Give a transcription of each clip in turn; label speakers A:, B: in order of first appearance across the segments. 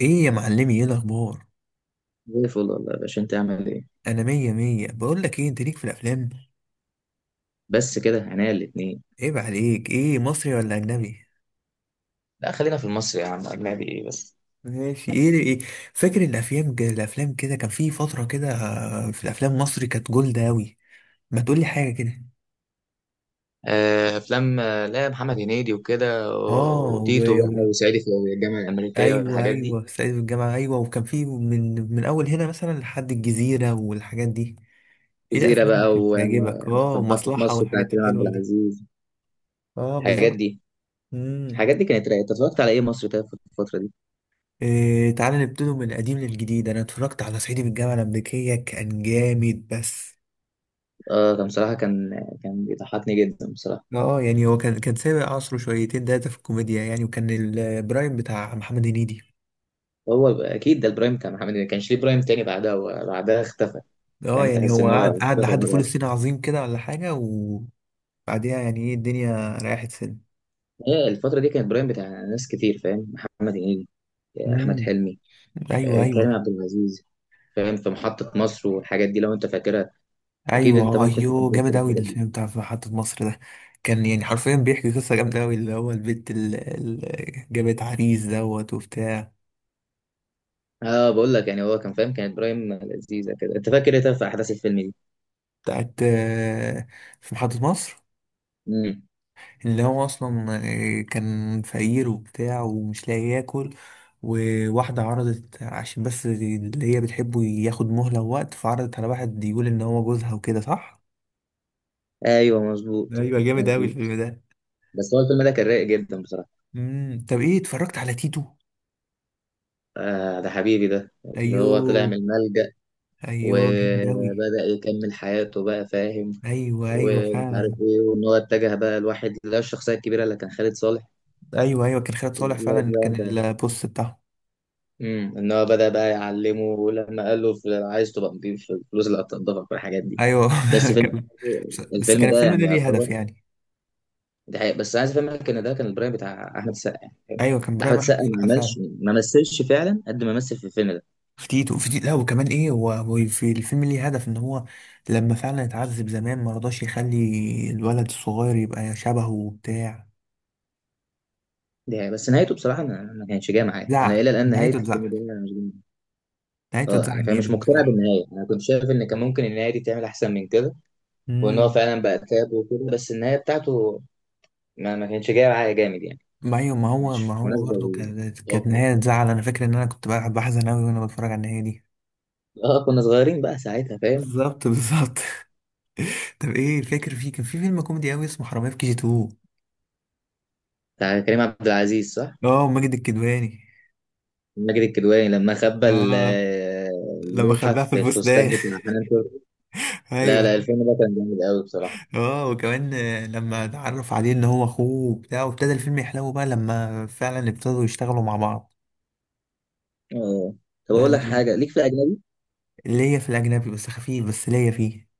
A: ايه يا معلمي، ايه الاخبار؟
B: زي الفل والله يا باشا، انت عامل ايه؟
A: انا مية مية. بقول لك ايه، انت ليك في الافلام؟
B: بس كده عينيا الاتنين.
A: عيب عليك، ايه مصري ولا اجنبي؟
B: لا خلينا في المصري يا عم، اجنبي ايه بس؟
A: ماشي، ايه ايه؟ فاكر الافلام كده، كان في فترة كده، في الافلام مصري كانت جولد اوي. ما تقولي حاجة كده.
B: آه، افلام. لا محمد هنيدي وكده
A: اه.
B: وتيتو
A: و...
B: بقى وصعيدي في الجامعه الامريكيه
A: ايوه،
B: والحاجات دي.
A: ايوه، سعيد في الجامعة. ايوه، وكان في، من اول هنا مثلا لحد الجزيرة والحاجات دي. ايه
B: جزيره
A: الافلام اللي
B: بقى،
A: كانت بتعجبك؟ اه،
B: وفي محطه
A: ومصلحة
B: مصر بتاع
A: والحاجات
B: كريم عبد
A: الحلوة دي.
B: العزيز،
A: اه،
B: الحاجات
A: بالظبط.
B: دي
A: امم.
B: الحاجات دي كانت رايقه. أنت اتفرجت على ايه مصري طيب في الفتره دي؟
A: إيه، تعالى نبتدي من القديم للجديد. انا اتفرجت على صعيدي من الجامعه الامريكيه، كان جامد بس.
B: اه كان بصراحه، كان بيضحكني جدا بصراحه.
A: اه، يعني هو كان سابق عصره شويتين تلاته في الكوميديا يعني، وكان البرايم بتاع محمد هنيدي.
B: هو اكيد ده البرايم بتاع محمد هنيدي، ما كانش ليه برايم تاني بعدها، وبعدها اختفى.
A: اه،
B: فاهم؟
A: يعني
B: تحس
A: هو
B: ان هو
A: قعد
B: اختفى
A: لحد فول
B: مره.
A: الصين عظيم كده ولا حاجه، وبعديها يعني ايه، الدنيا ريحت سنه.
B: هي الفترة دي كانت برايم بتاع ناس كتير، فاهم؟ محمد هنيدي، أحمد
A: امم.
B: حلمي،
A: ايوه،
B: كريم
A: ايوه.
B: عبد العزيز. فاهم؟ في محطة مصر والحاجات دي لو أنت فاكرها. أكيد
A: ايوه،
B: أنت ممكن تكون
A: ايوه
B: فاكر
A: جامد اوي
B: الحاجات دي.
A: الفيلم بتاع في محطه مصر ده. كان يعني حرفيا بيحكي قصه جامده اوي، اللي هو البنت اللي جابت عريس دوت وبتاع.
B: أه بقول لك، يعني هو كان فاهم، كانت برايم لذيذة كده. أنت فاكر إيه طب في أحداث الفيلم دي؟
A: بتاعت آه، في محطة مصر.
B: مم.
A: اللي هو أصلا، كان فقير وبتاع ومش لاقي ياكل. وواحدة عرضت عشان بس اللي هي بتحبه ياخد مهلة ووقت، فعرضت على واحد يقول إن هو جوزها وكده، صح؟
B: أيوه مظبوط.
A: أيوة، جامد أوي
B: مظبوط.
A: الفيلم ده.
B: بس هو الفيلم ده كان رايق جدا بصراحة.
A: مم. طب إيه، اتفرجت على تيتو؟
B: آه ده حبيبي ده. اللي هو طلع من
A: أيوه،
B: الملجأ
A: أيوه، جامد أوي.
B: وبدأ يكمل حياته بقى، فاهم؟
A: أيوه، أيوه،
B: ومش عارف
A: فعلا.
B: إيه، وإن هو اتجه بقى لواحد اللي هو الشخصية الكبيرة اللي كان خالد صالح.
A: أيوه، أيوه، كان خالد صالح
B: لا
A: فعلا،
B: لا
A: كان
B: انت.
A: البوست بتاعه.
B: امم. ان هو بدأ بقى يعلمه، ولما قال له عايز تبقى نضيف في الفلوس اللي هتنضفك والحاجات دي.
A: أيوه.
B: بس فيلم.
A: كان- بس
B: الفيلم
A: كان
B: ده
A: الفيلم
B: يعني
A: ده ليه
B: يعتبر.
A: هدف يعني.
B: ده حقيقة، بس عايز افهمك ان ده كان البرايم بتاع احمد السقا يعني.
A: ايوه، كان
B: احمد
A: برايم احمد
B: السقا
A: السقا فعلا.
B: ما مثلش فعلا قد ما مثل في الفيلم ده.
A: في تيتو، في تيتو، لا، وكمان ايه، هو في الفيلم ليه هدف، ان هو لما فعلا اتعذب زمان ما رضاش يخلي الولد الصغير يبقى شبهه وبتاع.
B: دي حقيقة، بس نهايته بصراحة ما كانتش جاية معايا انا، الى الان نهاية
A: نهايته
B: الفيلم
A: اتزعل.
B: ده أنا مش.
A: نهايته
B: اه يعني
A: اتزعل
B: فاهم، مش
A: جامد
B: مقتنع
A: بصراحه.
B: بالنهاية، انا كنت شايف ان كان ممكن النهاية دي تعمل احسن من كده. وان هو
A: امم.
B: فعلا بقى تاب وكده، بس النهاية بتاعته ما كانتش جاية معايا جامد يعني.
A: ما ايوه، ما هو ما
B: مش
A: هو
B: مناسبة
A: برضه
B: لل.
A: كانت نهايه تزعل، انا فاكر ان انا كنت بقى بحزن قوي وانا بتفرج على النهايه دي.
B: اه كنا صغيرين بقى ساعتها، فاهم؟
A: بالظبط، بالظبط. طب ايه، فاكر؟ كان في فيلم كوميدي قوي اسمه حرامية في كي جي 2.
B: بتاع كريم عبد العزيز صح؟
A: اه، ماجد الكدواني.
B: ماجد الكدواني لما خبى
A: اه، لما
B: اللوحة
A: خباها في
B: في الفستان
A: الفستان.
B: بتاع حنان ترك. لا
A: ايوه.
B: لا الفيلم ده كان جامد قوي بصراحة.
A: اه، وكمان، لما اتعرف عليه ان هو اخوه وبتاع، وابتدى الفيلم يحلو بقى لما فعلا ابتدوا يشتغلوا مع بعض.
B: اه طب
A: لا،
B: اقول
A: لا،
B: لك
A: لا.
B: حاجة، ليك في الاجنبي؟
A: ليا في الاجنبي، بس خفيف، بس ليا فيه.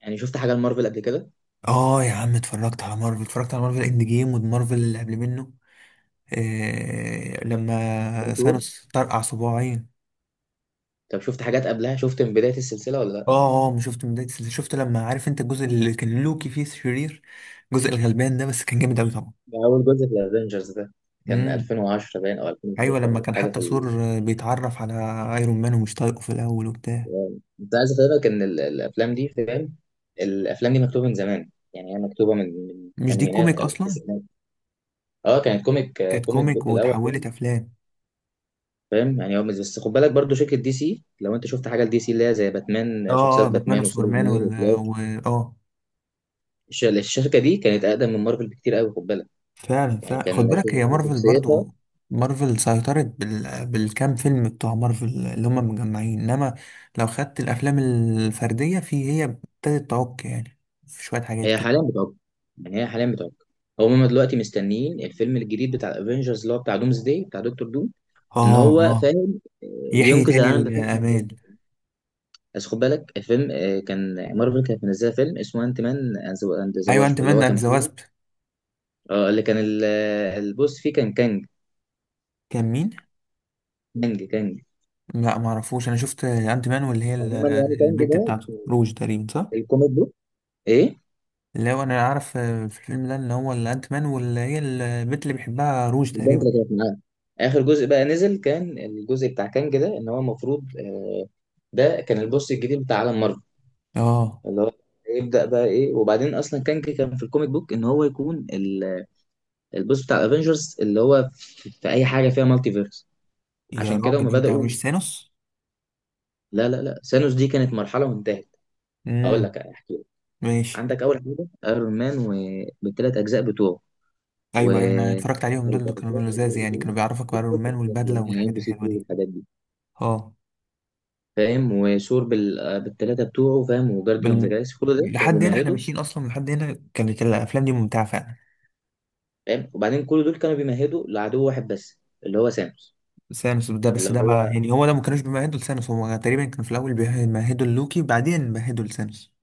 B: يعني شفت حاجة لمارفل قبل كده؟
A: اه يا عم، اتفرجت على مارفل، اتفرجت على مارفل اند جيم ومارفل اللي قبل منه. لما
B: بنتور.
A: ثانوس طرقع صباعين.
B: طب شفت حاجات قبلها؟ شفت من بداية السلسلة ولا لا؟
A: اه، اه، ما شفت من بداية السلسلة. شفت لما، عارف انت، الجزء اللي كان لوكي فيه شرير، الجزء الغلبان ده، بس كان جامد قوي طبعا.
B: ده اول جزء في الافنجرز ده. كان
A: امم.
B: 2010 باين او
A: ايوه، لما
B: 2011
A: كان
B: حاجة
A: حتى
B: في.
A: ثور بيتعرف على ايرون مان ومش طايقه في الاول وبتاع.
B: تمام. كنت عايز افهمك ان الافلام دي، فاهم؟ الافلام دي مكتوبه من زمان، يعني هي مكتوبه من
A: مش دي
B: الثمانينات
A: كوميك
B: او
A: اصلا؟
B: التسعينات. اه كانت كوميك،
A: كانت
B: كوميك
A: كوميك
B: بوك الاول، فاهم؟
A: واتحولت افلام.
B: فاهم؟ يعني هو بس بس خد بالك برضو شركه دي سي. لو انت شفت حاجه لدي سي اللي هي زي باتمان،
A: اه،
B: شخصيات
A: باتمان
B: باتمان
A: وسوبرمان
B: وسوبرمان وفلاش.
A: اه.
B: الشركه دي كانت اقدم من مارفل بكتير قوي، خد بالك.
A: فعلا،
B: يعني
A: فعلا، خد
B: كان
A: بالك، هي مارفل
B: شخصيتها.
A: برضو. مارفل سيطرت بالكام فيلم بتوع مارفل اللي هم مجمعين، انما لو خدت الافلام الفرديه، هي ابتدت تعك يعني، في شويه حاجات
B: هي حاليا
A: كده.
B: بتعق، يعني هي حاليا بتعق. هم دلوقتي مستنيين الفيلم الجديد بتاع الافينجرز اللي هو بتاع دومز داي بتاع دكتور دوم. ان
A: اه،
B: هو
A: اه،
B: فاهم،
A: يحيي
B: ينقذ
A: تاني
B: العالم بتاعه من جوه.
A: الامال.
B: بس خد بالك الفيلم، كان مارفل كانت منزله فيلم اسمه انت مان اند ذا
A: ايوه، انت
B: واسب اللي
A: مان
B: هو
A: اند
B: كان
A: ذا
B: فيه.
A: واسب.
B: اه اللي كان البوس فيه كان كانج.
A: كان مين؟
B: كانج، كانج.
A: لا، ما اعرفوش، انا شفت انت مان واللي هي
B: عموما يعني كانج
A: البت
B: ده
A: بتاعته روج تقريبا، صح؟
B: في الكوميك بوك ايه.
A: لو انا عارف، في الفيلم ده اللي هو الانت مان، واللي هي البنت اللي بيحبها روج
B: البنت
A: تقريبا.
B: اللي كانت معاه. اخر جزء بقى نزل كان الجزء بتاع كانج ده، ان هو المفروض، ده كان البوس الجديد بتاع عالم مارفل.
A: اه
B: اللي هو يبدأ بقى ايه، وبعدين اصلا كانج كان في الكوميك بوك ان هو يكون البوس بتاع الافنجرز اللي هو في اي حاجه فيها مالتي فيرس.
A: يا
B: عشان كده
A: راجل،
B: هم
A: انت
B: بداوا.
A: مش ثانوس؟
B: لا لا لا سانوس دي كانت مرحله وانتهت. هقول
A: امم،
B: لك احكي لك.
A: ماشي.
B: عندك اول حاجه ايرون مان، وبالثلاث اجزاء بتوعه. و
A: ايوه، ايوه، انا اتفرجت عليهم دول،
B: أمريكا
A: اللي كانوا
B: بالتلات
A: لزاز
B: أجزاء
A: يعني،
B: بتوعه.
A: كانوا بيعرفك
B: أكيد
A: ايرون
B: شفت
A: مان
B: الحاجات دي
A: والبدله
B: يعني، ام
A: والحاجات
B: بي سي
A: الحلوه
B: 2
A: دي.
B: والحاجات دي.
A: اه،
B: فاهم؟ وثور بالثلاثه بتوعه، فاهم؟ وجارديوم ذا
A: بال...
B: جالاكسي. كل ده كانوا
A: لحد هنا احنا
B: بيمهدوا.
A: ماشيين، اصلا لحد هنا كانت الافلام دي ممتعه فعلا.
B: فاهم؟ وبعدين كل دول كانوا بيمهدوا لعدو واحد بس، اللي هو سانوس.
A: ثانوس ده،
B: اللي
A: بس ده بقى
B: هو.
A: يعني هو ده، ما كانوش بيمهدوا لثانوس، هو تقريبا كان في الاول بيمهدوا لوكي، بعدين بيمهدوا لثانوس.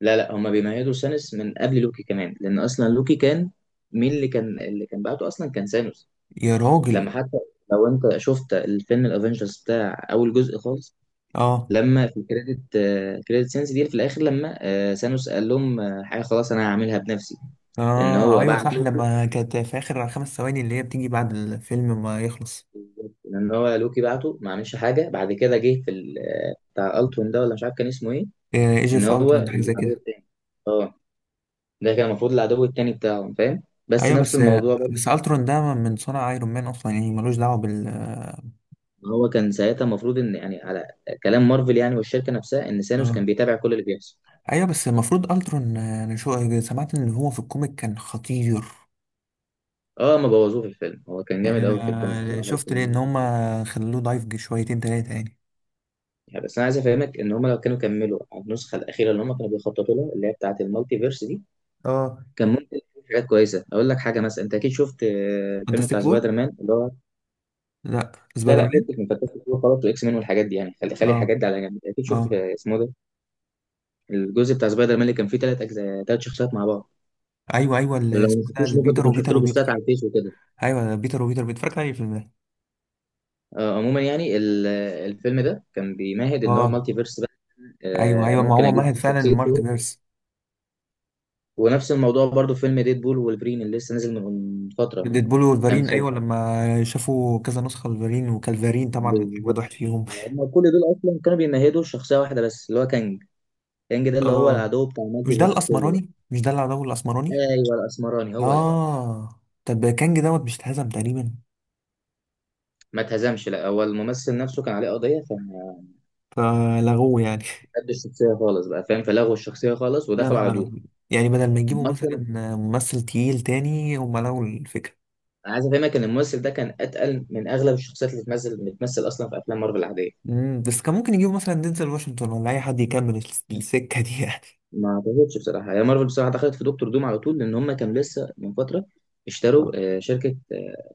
B: لا لا هما بيمهدوا سانوس من قبل لوكي كمان، لان اصلا لوكي كان. مين اللي كان بعته اصلا؟ كان سانوس.
A: يا
B: لما
A: راجل.
B: حتى. لو انت شفت الفيلم الافنجرز بتاع اول جزء خالص،
A: اه،
B: لما في كريدت سينس دي في الاخر، لما سانوس قال لهم، حاجه خلاص انا هعملها بنفسي. ان
A: اه،
B: هو
A: ايوه صح،
B: بعته.
A: لما كانت في اخر 5 ثواني اللي هي بتيجي بعد الفيلم ما يخلص.
B: ان هو لوكي بعته، ما عملش حاجه بعد كده، جه في بتاع التون ده ولا مش عارف كان اسمه ايه.
A: ايجي
B: ان
A: في
B: هو
A: الترون، حاجه زي
B: العدو
A: كده.
B: التاني. اه ده كان المفروض العدو التاني بتاعهم، فاهم؟ بس
A: ايوه،
B: نفس
A: بس
B: الموضوع.
A: بس الترون ده من صنع ايرون مان اصلا، يعني ملوش دعوه بال.
B: هو كان ساعتها المفروض ان يعني على كلام مارفل يعني والشركه نفسها، ان سانوس
A: اه،
B: كان بيتابع كل اللي بيحصل.
A: ايوه، بس المفروض الترون، انا شو، سمعت ان هو في الكوميك كان خطير.
B: اه ما بوظوه في الفيلم، هو كان جامد
A: يعني
B: قوي في الكوميك
A: انا
B: بصراحه
A: شفت ليه ان
B: وكان.
A: هما خلوه ضعيف شويتين تلاتة يعني.
B: يعني بس انا عايز افهمك ان هم لو كانوا كملوا على النسخه الاخيره اللي هم كانوا بيخططوا لها اللي هي بتاعه المالتي فيرس دي،
A: اه،
B: كان ممكن يكون في حاجات كويسه. اقول لك حاجه مثلا، انت اكيد شفت، الفيلم بتاع
A: فانتاستيك فور.
B: سبايدر مان اللي هو.
A: لا،
B: ده
A: سبايدر
B: لا،
A: مان.
B: فكك من فانتاستيك فور خلاص، واكس مان والحاجات دي يعني، خلي خلي
A: اه،
B: الحاجات دي على جنب. اكيد
A: اه،
B: شفت اسمه ده، الجزء بتاع سبايدر مان اللي كان فيه ثلاث اجزاء ثلاث شخصيات مع بعض.
A: ايوه، ايوه، اللي
B: لو ما
A: اسمه ده
B: شفتوش ممكن
A: البيتر
B: تكون شفت
A: وبيتر
B: له بوستات على
A: وبيتر.
B: الفيس وكده.
A: ايوه، بيتر وبيتر بيتر، اتفرجت عليه الفيلم ده.
B: عموما يعني الفيلم ده كان بيمهد ان هو
A: اه،
B: المالتي فيرس بقى.
A: ايوه، ايوه، ما
B: ممكن
A: هو
B: اجيب
A: مهد فعلا
B: شخصيه
A: المالتي
B: ثور.
A: فيرس.
B: ونفس الموضوع برضو في فيلم ديد بول والبرين اللي لسه نازل من فتره من
A: ديدبول
B: كام
A: وولفرين،
B: شهر.
A: ايوه، لما شافوا كذا نسخه لولفرين، وكالفارين طبعا
B: بالظبط.
A: اجمد واحد فيهم.
B: هم كل دول اصلا كانوا بيمهدوا شخصيه واحده بس، اللي هو كانج. كانج ده اللي هو
A: اه،
B: العدو بتاع المالتي
A: مش ده
B: فيرس كله بقى.
A: الاسمراني؟ مش ده العدو الاسمراني؟
B: ايوه الاسمراني هو ده.
A: اه، طب كانج دوت، مش اتهزم تقريبا؟
B: ما اتهزمش. لا هو الممثل نفسه كان عليه قضيه، فما
A: فلغوه يعني؟
B: خدش الشخصيه خالص بقى، فاهم؟ فلغوا الشخصيه خالص
A: يا
B: ودخلوا على
A: نهار أبيض! يعني بدل ما يجيبوا
B: دوم.
A: مثلا ممثل تقيل تاني، هم لغوا الفكره.
B: انا عايز افهمك ان الممثل ده كان اتقل من اغلب الشخصيات اللي بتمثل بتمثل اصلا في افلام مارفل العاديه.
A: امم، بس كان ممكن يجيبوا مثلا دينزل واشنطن ولا اي حد يكمل السكه دي يعني.
B: ما اعتقدش بصراحه، هي مارفل بصراحه دخلت في دكتور دوم على طول لان هم كانوا لسه من فتره
A: آه.
B: اشتروا شركه،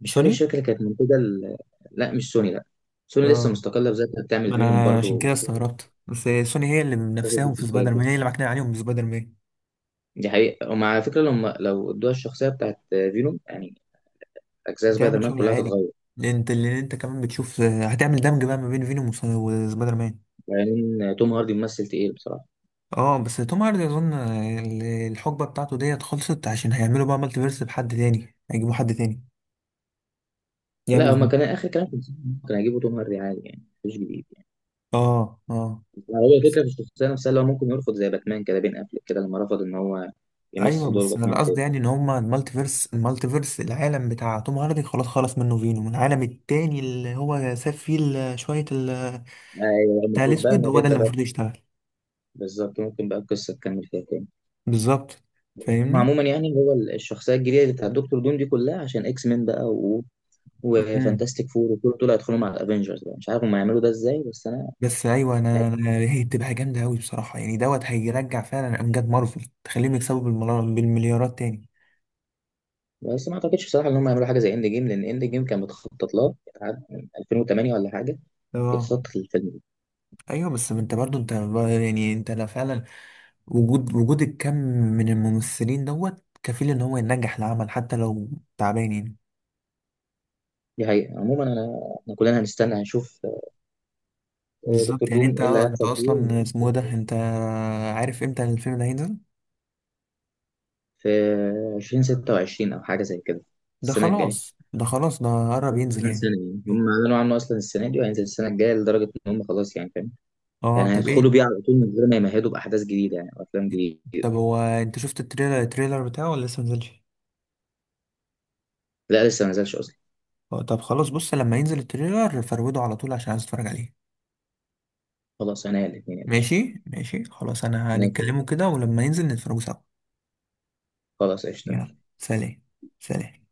B: مش فاكر
A: سوني.
B: الشركه اللي كانت منتجه لا مش سوني لا. سوني لسه
A: اه،
B: مستقله بذاتها بتعمل
A: ما
B: فينوم
A: انا عشان
B: برضو
A: كده
B: ومستقلة
A: استغربت بس. سوني هي اللي
B: بذات
A: بنفسهم في
B: الشخصيات
A: سبايدر
B: دي.
A: مان، هي اللي معكنا عليهم في سبايدر مان.
B: دي حقيقه. ومع على فكره، لو ادوها الشخصيه بتاعت فينوم يعني، اجزاء سبايدر
A: هتعمل
B: مان
A: شغل
B: كلها
A: عالي.
B: هتتغير.
A: لأن انت كمان بتشوف، هتعمل دمج بقى ما بين فينوم وسبايدر مان.
B: لان يعني توم هاردي ممثل تقيل بصراحه.
A: اه، بس توم هاردي اظن الحقبه بتاعته ديت خلصت، عشان هيعملوا بقى مالتي فيرس بحد تاني، هيجيبوا حد تاني
B: لا
A: يعمل
B: هما كان
A: فيه.
B: اخر كلام كان هيجيبوا توم هاردي عادي يعني مفيش جديد.
A: اه، اه.
B: هو
A: بس
B: الفكرة في الشخصية نفسها، اللي هو ممكن يرفض زي باتمان كده بين قبل كده لما رفض إن هو
A: ايوه،
B: يمثل دور
A: بس انا
B: باتمان
A: قصدي
B: تاني.
A: يعني ان هما المالتي فيرس العالم بتاع توم هاردي خلاص خلص منه، فينوم العالم التاني اللي هو ساب فيه شويه.
B: أيوه
A: بتاع
B: المفروض بقى
A: الاسود
B: إنه
A: هو ده اللي
B: تبدأ بقى.
A: المفروض يشتغل.
B: بالظبط، ممكن بقى القصة تكمل فيها تاني.
A: بالظبط،
B: هم
A: فاهمني.
B: عموما يعني هو الشخصية الجديدة اللي بتاع دكتور دوم دي كلها عشان إكس مين بقى و.
A: مم.
B: وفانتاستيك فور، وكل دول هيدخلوا مع الأفينجرز بقى. مش عارف هم هيعملوا ده إزاي بس أنا
A: بس ايوه،
B: يعني.
A: هي بتبقى جامده قوي بصراحه، يعني دوت هيرجع فعلا امجاد مارفل، تخليهم يكسبوا بالمليارات تاني.
B: بس ما أعتقدش بصراحة إن هم يعملوا حاجة زي إند جيم، لأن إند جيم كان متخطط لها عاد من 2008 ولا حاجة،
A: اه،
B: يتخطط للفيلم ده.
A: ايوه، بس انت برضو يعني انت، لا، فعلا وجود الكم من الممثلين دوت كفيل ان هو ينجح العمل حتى لو تعبان يعني.
B: دي حقيقة، عموما أنا إحنا كلنا هنستنى هنشوف. دكتور
A: بالظبط، يعني
B: دوم
A: انت
B: ايه اللي
A: انت
B: هيحصل فيه
A: اصلا
B: هنشوف.
A: اسمه إيه ده، انت عارف امتى الفيلم ده هينزل؟
B: في 2026 او حاجه زي كده.
A: ده
B: السنه الجايه،
A: خلاص، ده خلاص، ده قرب ينزل
B: كمان
A: يعني.
B: سنه يعني. هم اعلنوا عنه اصلا السنه دي وهينزل السنه الجايه، لدرجه ان هم خلاص يعني، فاهم؟
A: اه،
B: يعني
A: طب
B: هيدخلوا
A: ايه؟
B: بيه على طول من غير ما يمهدوا باحداث جديده، يعني وافلام جديده.
A: طب هو، انت شفت التريلر بتاعه ولا لسه منزلش؟
B: لا لسه ما نزلش اصلا.
A: اه، طب خلاص، بص لما ينزل التريلر فروده على طول عشان عايز اتفرج عليه.
B: خلاص انا الاثنين يا باشا.
A: ماشي، ماشي، خلاص، انا
B: نازل.
A: هنتكلمه كده، ولما ينزل نتفرجوا سوا.
B: خلاص قشطه،
A: يلا
B: ماشي.
A: سلام. سلام.